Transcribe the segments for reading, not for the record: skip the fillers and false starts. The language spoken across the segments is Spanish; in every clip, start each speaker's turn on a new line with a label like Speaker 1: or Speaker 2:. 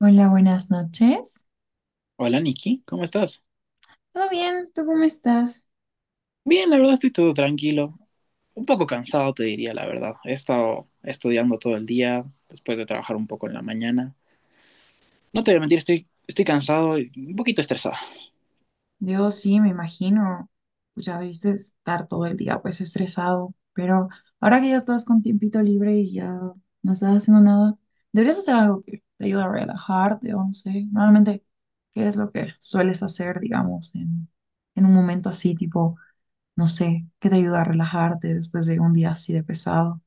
Speaker 1: Hola, buenas noches.
Speaker 2: Hola Nikki, ¿cómo estás?
Speaker 1: ¿Todo bien? ¿Tú cómo estás?
Speaker 2: Bien, la verdad estoy todo tranquilo. Un poco cansado, te diría la verdad. He estado estudiando todo el día, después de trabajar un poco en la mañana. No te voy a mentir, estoy cansado y un poquito estresado.
Speaker 1: Dios, sí, me imagino. Pues ya debiste estar todo el día pues estresado, pero ahora que ya estás con tiempito libre y ya no estás haciendo nada, deberías hacer algo que te ayude a relajarte o no sé. Normalmente, ¿qué es lo que sueles hacer, digamos, en un momento así, tipo, no sé, ¿qué te ayuda a relajarte después de un día así de pesado?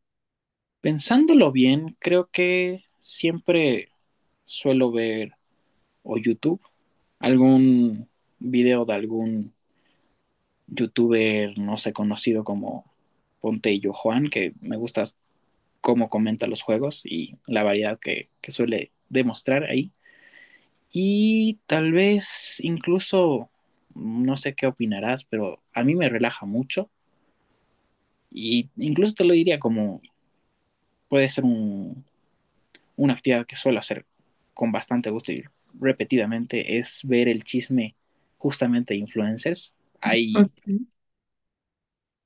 Speaker 2: Pensándolo bien, creo que siempre suelo ver o YouTube, algún video de algún youtuber, no sé, conocido como Ponte y Yo Juan, que me gusta cómo comenta los juegos y la variedad que suele demostrar ahí. Y tal vez incluso, no sé qué opinarás, pero a mí me relaja mucho. Y incluso te lo diría como puede ser una actividad que suelo hacer con bastante gusto y repetidamente, es ver el chisme justamente de influencers. Hay,
Speaker 1: Ok.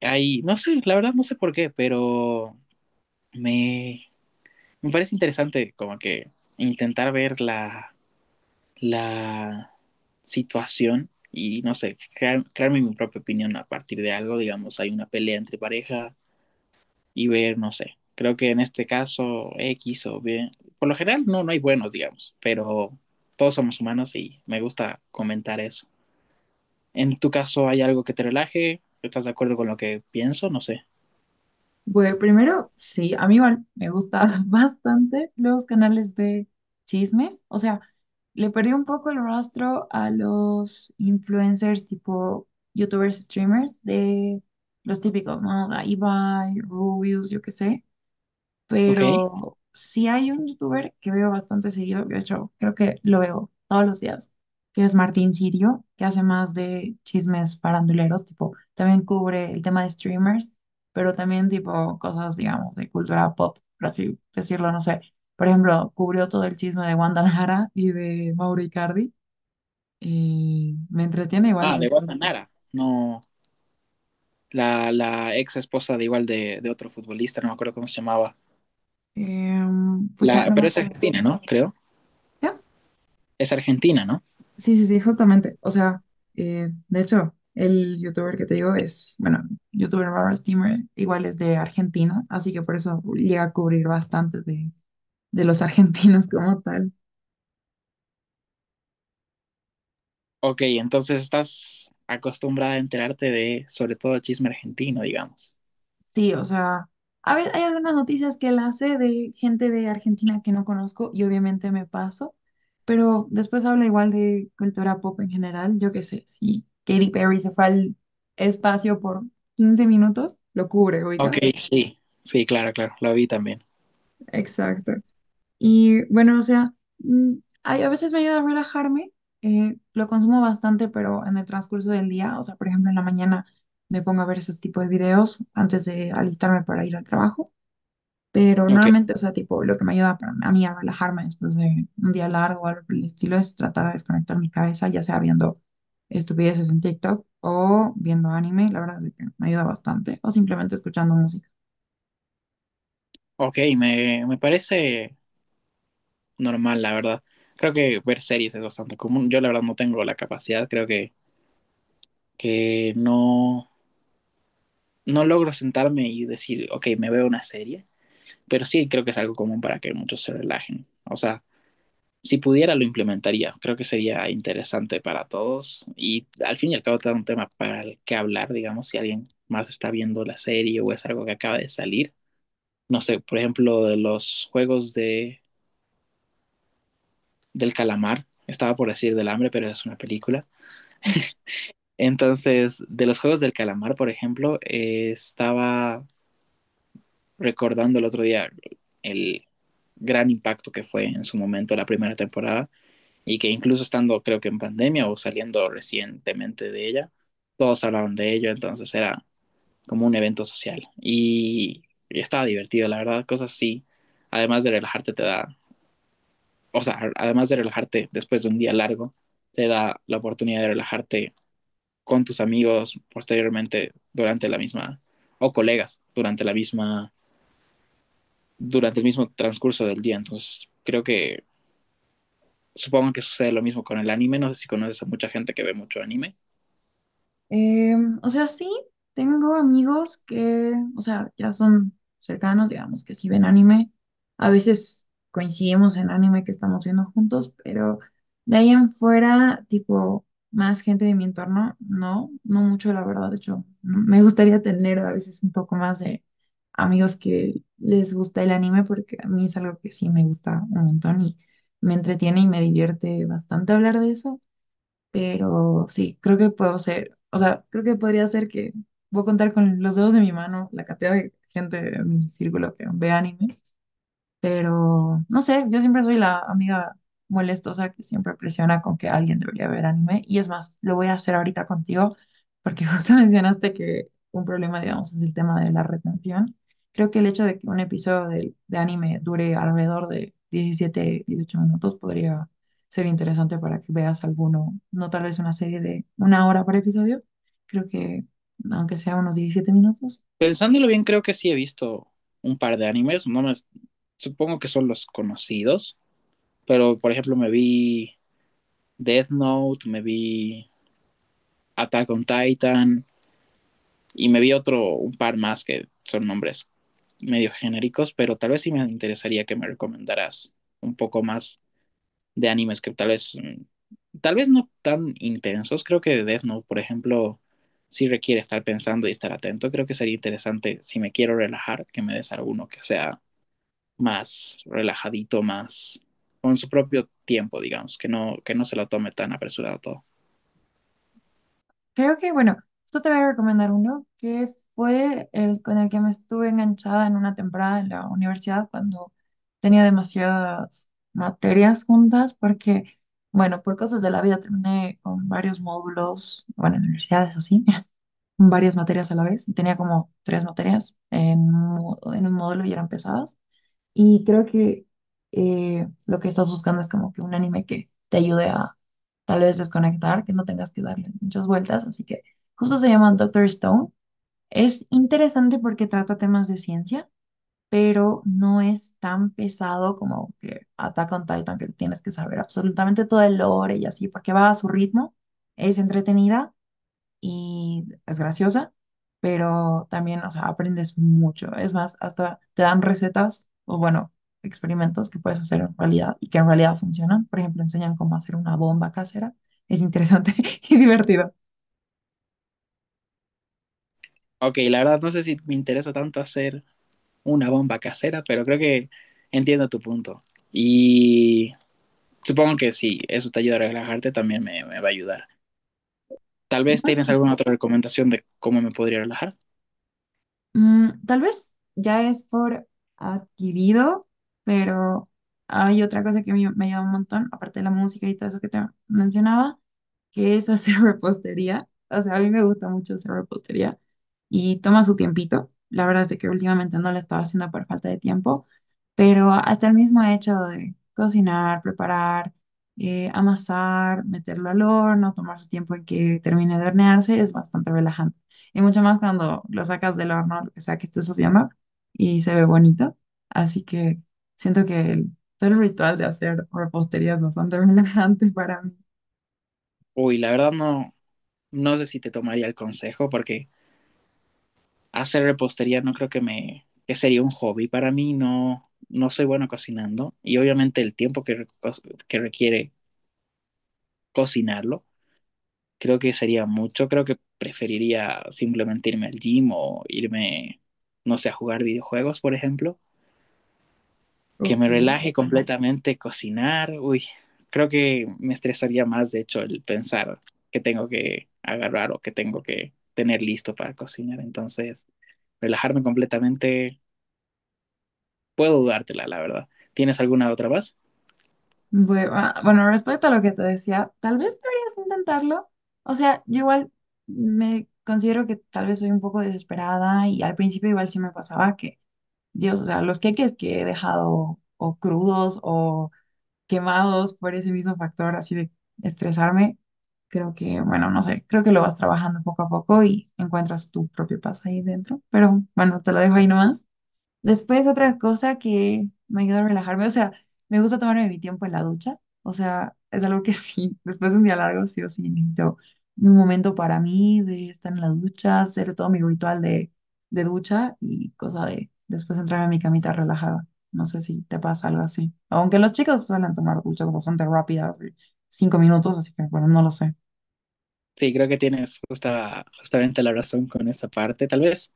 Speaker 2: hay, no sé, la verdad no sé por qué, pero me, me parece interesante como que intentar ver la situación y no sé, crearme mi propia opinión a partir de algo, digamos, hay una pelea entre pareja y ver, no sé, creo que en este caso X o B, por lo general no hay buenos, digamos, pero todos somos humanos y me gusta comentar eso. En tu caso, ¿hay algo que te relaje? ¿Estás de acuerdo con lo que pienso? No sé.
Speaker 1: Bueno, primero, sí, a mí igual me gusta bastante los canales de chismes. O sea, le perdí un poco el rastro a los influencers tipo youtubers, streamers de los típicos, ¿no? La Ibai, Rubius, yo qué sé,
Speaker 2: Ok.
Speaker 1: pero sí hay un youtuber que veo bastante seguido, de hecho, creo que lo veo todos los días, que es Martín Sirio, que hace más de chismes faranduleros, tipo, también cubre el tema de streamers, pero también tipo cosas, digamos, de cultura pop, por así decirlo, no sé. Por ejemplo, cubrió todo el chisme de Wanda Nara y de Mauro Icardi, y me entretiene igual
Speaker 2: Ah, de Wanda
Speaker 1: bastante.
Speaker 2: Nara. No, la ex esposa de igual de otro futbolista, no me acuerdo cómo se llamaba.
Speaker 1: Pucha,
Speaker 2: La,
Speaker 1: no me
Speaker 2: pero es
Speaker 1: acuerdo.
Speaker 2: argentina, ¿no? Creo.
Speaker 1: ¿Qué?
Speaker 2: Es Argentina, ¿no?
Speaker 1: Sí, sí, sí, justamente. O sea, de hecho, el youtuber que te digo es, bueno, youtuber Robert Steamer, igual es de Argentina, así que por eso llega a cubrir bastante de los argentinos como tal.
Speaker 2: Ok, entonces estás acostumbrada a enterarte de, sobre todo, chisme argentino, digamos.
Speaker 1: Sí, o sea, a veces hay algunas noticias que las sé de gente de Argentina que no conozco y obviamente me paso, pero después habla igual de cultura pop en general. Yo qué sé, si Katy Perry se fue al espacio por 15 minutos, lo cubre,
Speaker 2: Ok,
Speaker 1: oigas.
Speaker 2: sí, sí, claro, claro, lo vi también.
Speaker 1: Exacto. Y bueno, o sea, mm, ay, a veces me ayuda a relajarme, lo consumo bastante, pero en el transcurso del día, o sea, por ejemplo, en la mañana me pongo a ver esos tipos de videos antes de alistarme para ir al trabajo, pero
Speaker 2: Ok,
Speaker 1: normalmente, o sea, tipo, lo que me ayuda a mí a relajarme después de un día largo o algo por el estilo es tratar de desconectar mi cabeza, ya sea viendo estupideces en TikTok o viendo anime, la verdad es que me ayuda bastante, o simplemente escuchando música.
Speaker 2: ok, me parece normal, la verdad. Creo que ver series es bastante común. Yo la verdad no tengo la capacidad, que no, no logro sentarme y decir, ok, me veo una serie, pero sí creo que es algo común para que muchos se relajen. O sea, si pudiera lo implementaría, creo que sería interesante para todos y al fin y al cabo te da un tema para el que hablar, digamos, si alguien más está viendo la serie o es algo que acaba de salir. No sé, por ejemplo, de los juegos del calamar, estaba por decir del hambre, pero es una película. Entonces, de los juegos del calamar, por ejemplo, estaba recordando el otro día el gran impacto que fue en su momento la primera temporada y que incluso estando creo que en pandemia o saliendo recientemente de ella, todos hablaban de ello, entonces era como un evento social y estaba divertido, la verdad, cosas así, además de relajarte te da, o sea, además de relajarte después de un día largo, te da la oportunidad de relajarte con tus amigos posteriormente durante la misma, o colegas durante la misma durante el mismo transcurso del día. Entonces, creo que supongo que sucede lo mismo con el anime. No sé si conoces a mucha gente que ve mucho anime.
Speaker 1: Eh, o sea, sí, tengo amigos que, o sea, ya son cercanos, digamos, que sí ven anime. A veces coincidimos en anime que estamos viendo juntos, pero de ahí en fuera, tipo, más gente de mi entorno, no, no mucho, la verdad. De hecho, me gustaría tener a veces un poco más de amigos que les gusta el anime, porque a mí es algo que sí me gusta un montón y me entretiene y me divierte bastante hablar de eso. Pero sí, creo que puedo ser, o sea, creo que podría ser que voy a contar con los dedos de mi mano la cantidad de gente de mi círculo que ve anime. Pero no sé, yo siempre soy la amiga molestosa que siempre presiona con que alguien debería ver anime. Y es más, lo voy a hacer ahorita contigo, porque justo mencionaste que un problema, digamos, es el tema de la retención. Creo que el hecho de que un episodio de anime dure alrededor de 17 18 minutos podría ser interesante para que veas alguno, no tal vez una serie de una hora por episodio. Creo que, aunque sea unos 17 minutos,
Speaker 2: Pensándolo bien, creo que sí he visto un par de animes. No me, supongo que son los conocidos. Pero, por ejemplo, me vi Death Note, me vi Attack on Titan y me vi otro, un par más que son nombres medio genéricos, pero tal vez sí me interesaría que me recomendaras un poco más de animes que tal vez, tal vez no tan intensos. Creo que Death Note, por ejemplo, sí requiere estar pensando y estar atento. Creo que sería interesante, si me quiero relajar, que me des alguno que sea más relajadito, más con su propio tiempo, digamos, que no se lo tome tan apresurado todo.
Speaker 1: creo que, bueno, esto te voy a recomendar uno que fue el con el que me estuve enganchada en una temporada en la universidad cuando tenía demasiadas materias juntas, porque, bueno, por cosas de la vida terminé con varios módulos, bueno, en universidades así, varias materias a la vez, y tenía como tres materias en un módulo y eran pesadas. Y creo que lo que estás buscando es como que un anime que te ayude a tal vez desconectar, que no tengas que darle muchas vueltas. Así que justo se llama Doctor Stone. Es interesante porque trata temas de ciencia, pero no es tan pesado como que Attack on Titan, que tienes que saber absolutamente todo el lore y así, porque va a su ritmo. Es entretenida y es graciosa, pero también, o sea, aprendes mucho. Es más, hasta te dan recetas o, bueno, experimentos que puedes hacer en realidad y que en realidad funcionan. Por ejemplo, enseñan cómo hacer una bomba casera. Es interesante y divertido.
Speaker 2: Ok, la verdad no sé si me interesa tanto hacer una bomba casera, pero creo que entiendo tu punto. Y supongo que si eso te ayuda a relajarte, también me va a ayudar. Tal vez tienes alguna otra recomendación de cómo me podría relajar.
Speaker 1: Tal vez ya es por adquirido, pero hay otra cosa que me ayuda un montón, aparte de la música y todo eso que te mencionaba, que es hacer repostería. O sea, a mí me gusta mucho hacer repostería y toma su tiempito. La verdad es de que últimamente no la estaba haciendo por falta de tiempo, pero hasta el mismo hecho de cocinar, preparar, amasar, meterlo al horno, tomar su tiempo en que termine de hornearse es bastante relajante. Y mucho más cuando lo sacas del horno, lo que sea que estés haciendo, y se ve bonito. Así que siento que todo el ritual de hacer repostería es bastante relajante para mí.
Speaker 2: Uy, la verdad no, no sé si te tomaría el consejo porque hacer repostería no creo que sería un hobby para mí. No, no soy bueno cocinando y obviamente el tiempo que que requiere cocinarlo creo que sería mucho. Creo que preferiría simplemente irme al gym o irme, no sé, a jugar videojuegos, por ejemplo que
Speaker 1: Ok,
Speaker 2: me relaje completamente cocinar, uy, creo que me estresaría más, de hecho, el pensar que tengo que agarrar o que tengo que tener listo para cocinar. Entonces, relajarme completamente, puedo dudártela, la verdad. ¿Tienes alguna otra más?
Speaker 1: bueno, respecto a lo que te decía, tal vez deberías intentarlo. O sea, yo igual me considero que tal vez soy un poco desesperada y al principio igual sí me pasaba que, Dios, o sea, los queques que he dejado o crudos o quemados por ese mismo factor así de estresarme, creo que, bueno, no sé, creo que lo vas trabajando poco a poco y encuentras tu propio paz ahí dentro. Pero bueno, te lo dejo ahí nomás. Después, otra cosa que me ayuda a relajarme, o sea, me gusta tomarme mi tiempo en la ducha, o sea, es algo que sí, después de un día largo, sí o sí, necesito un momento para mí de estar en la ducha, hacer todo mi ritual de, ducha y cosa de después entrarme a mi camita relajada. No sé si te pasa algo así. Aunque los chicos suelen tomar duchas bastante rápidas, de 5 minutos, así que bueno, no lo sé.
Speaker 2: Sí, creo que tienes justamente la razón con esa parte, tal vez.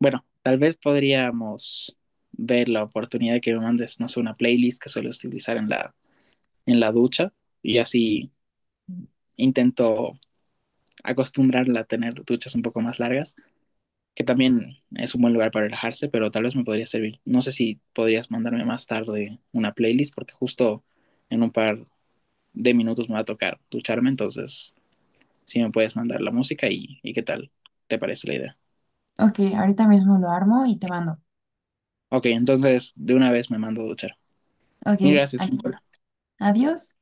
Speaker 2: Bueno, tal vez podríamos ver la oportunidad de que me mandes, no sé, una playlist que suelo utilizar en en la ducha y así intento acostumbrarla a tener duchas un poco más largas, que también es un buen lugar para relajarse, pero tal vez me podría servir. No sé si podrías mandarme más tarde una playlist, porque justo en un par de minutos me va a tocar ducharme, entonces si me puedes mandar la música y qué tal te parece la idea.
Speaker 1: Ok, ahorita mismo lo armo y te mando.
Speaker 2: Ok, entonces de una vez me mando a duchar.
Speaker 1: Ok,
Speaker 2: Mil gracias.
Speaker 1: adi- adiós.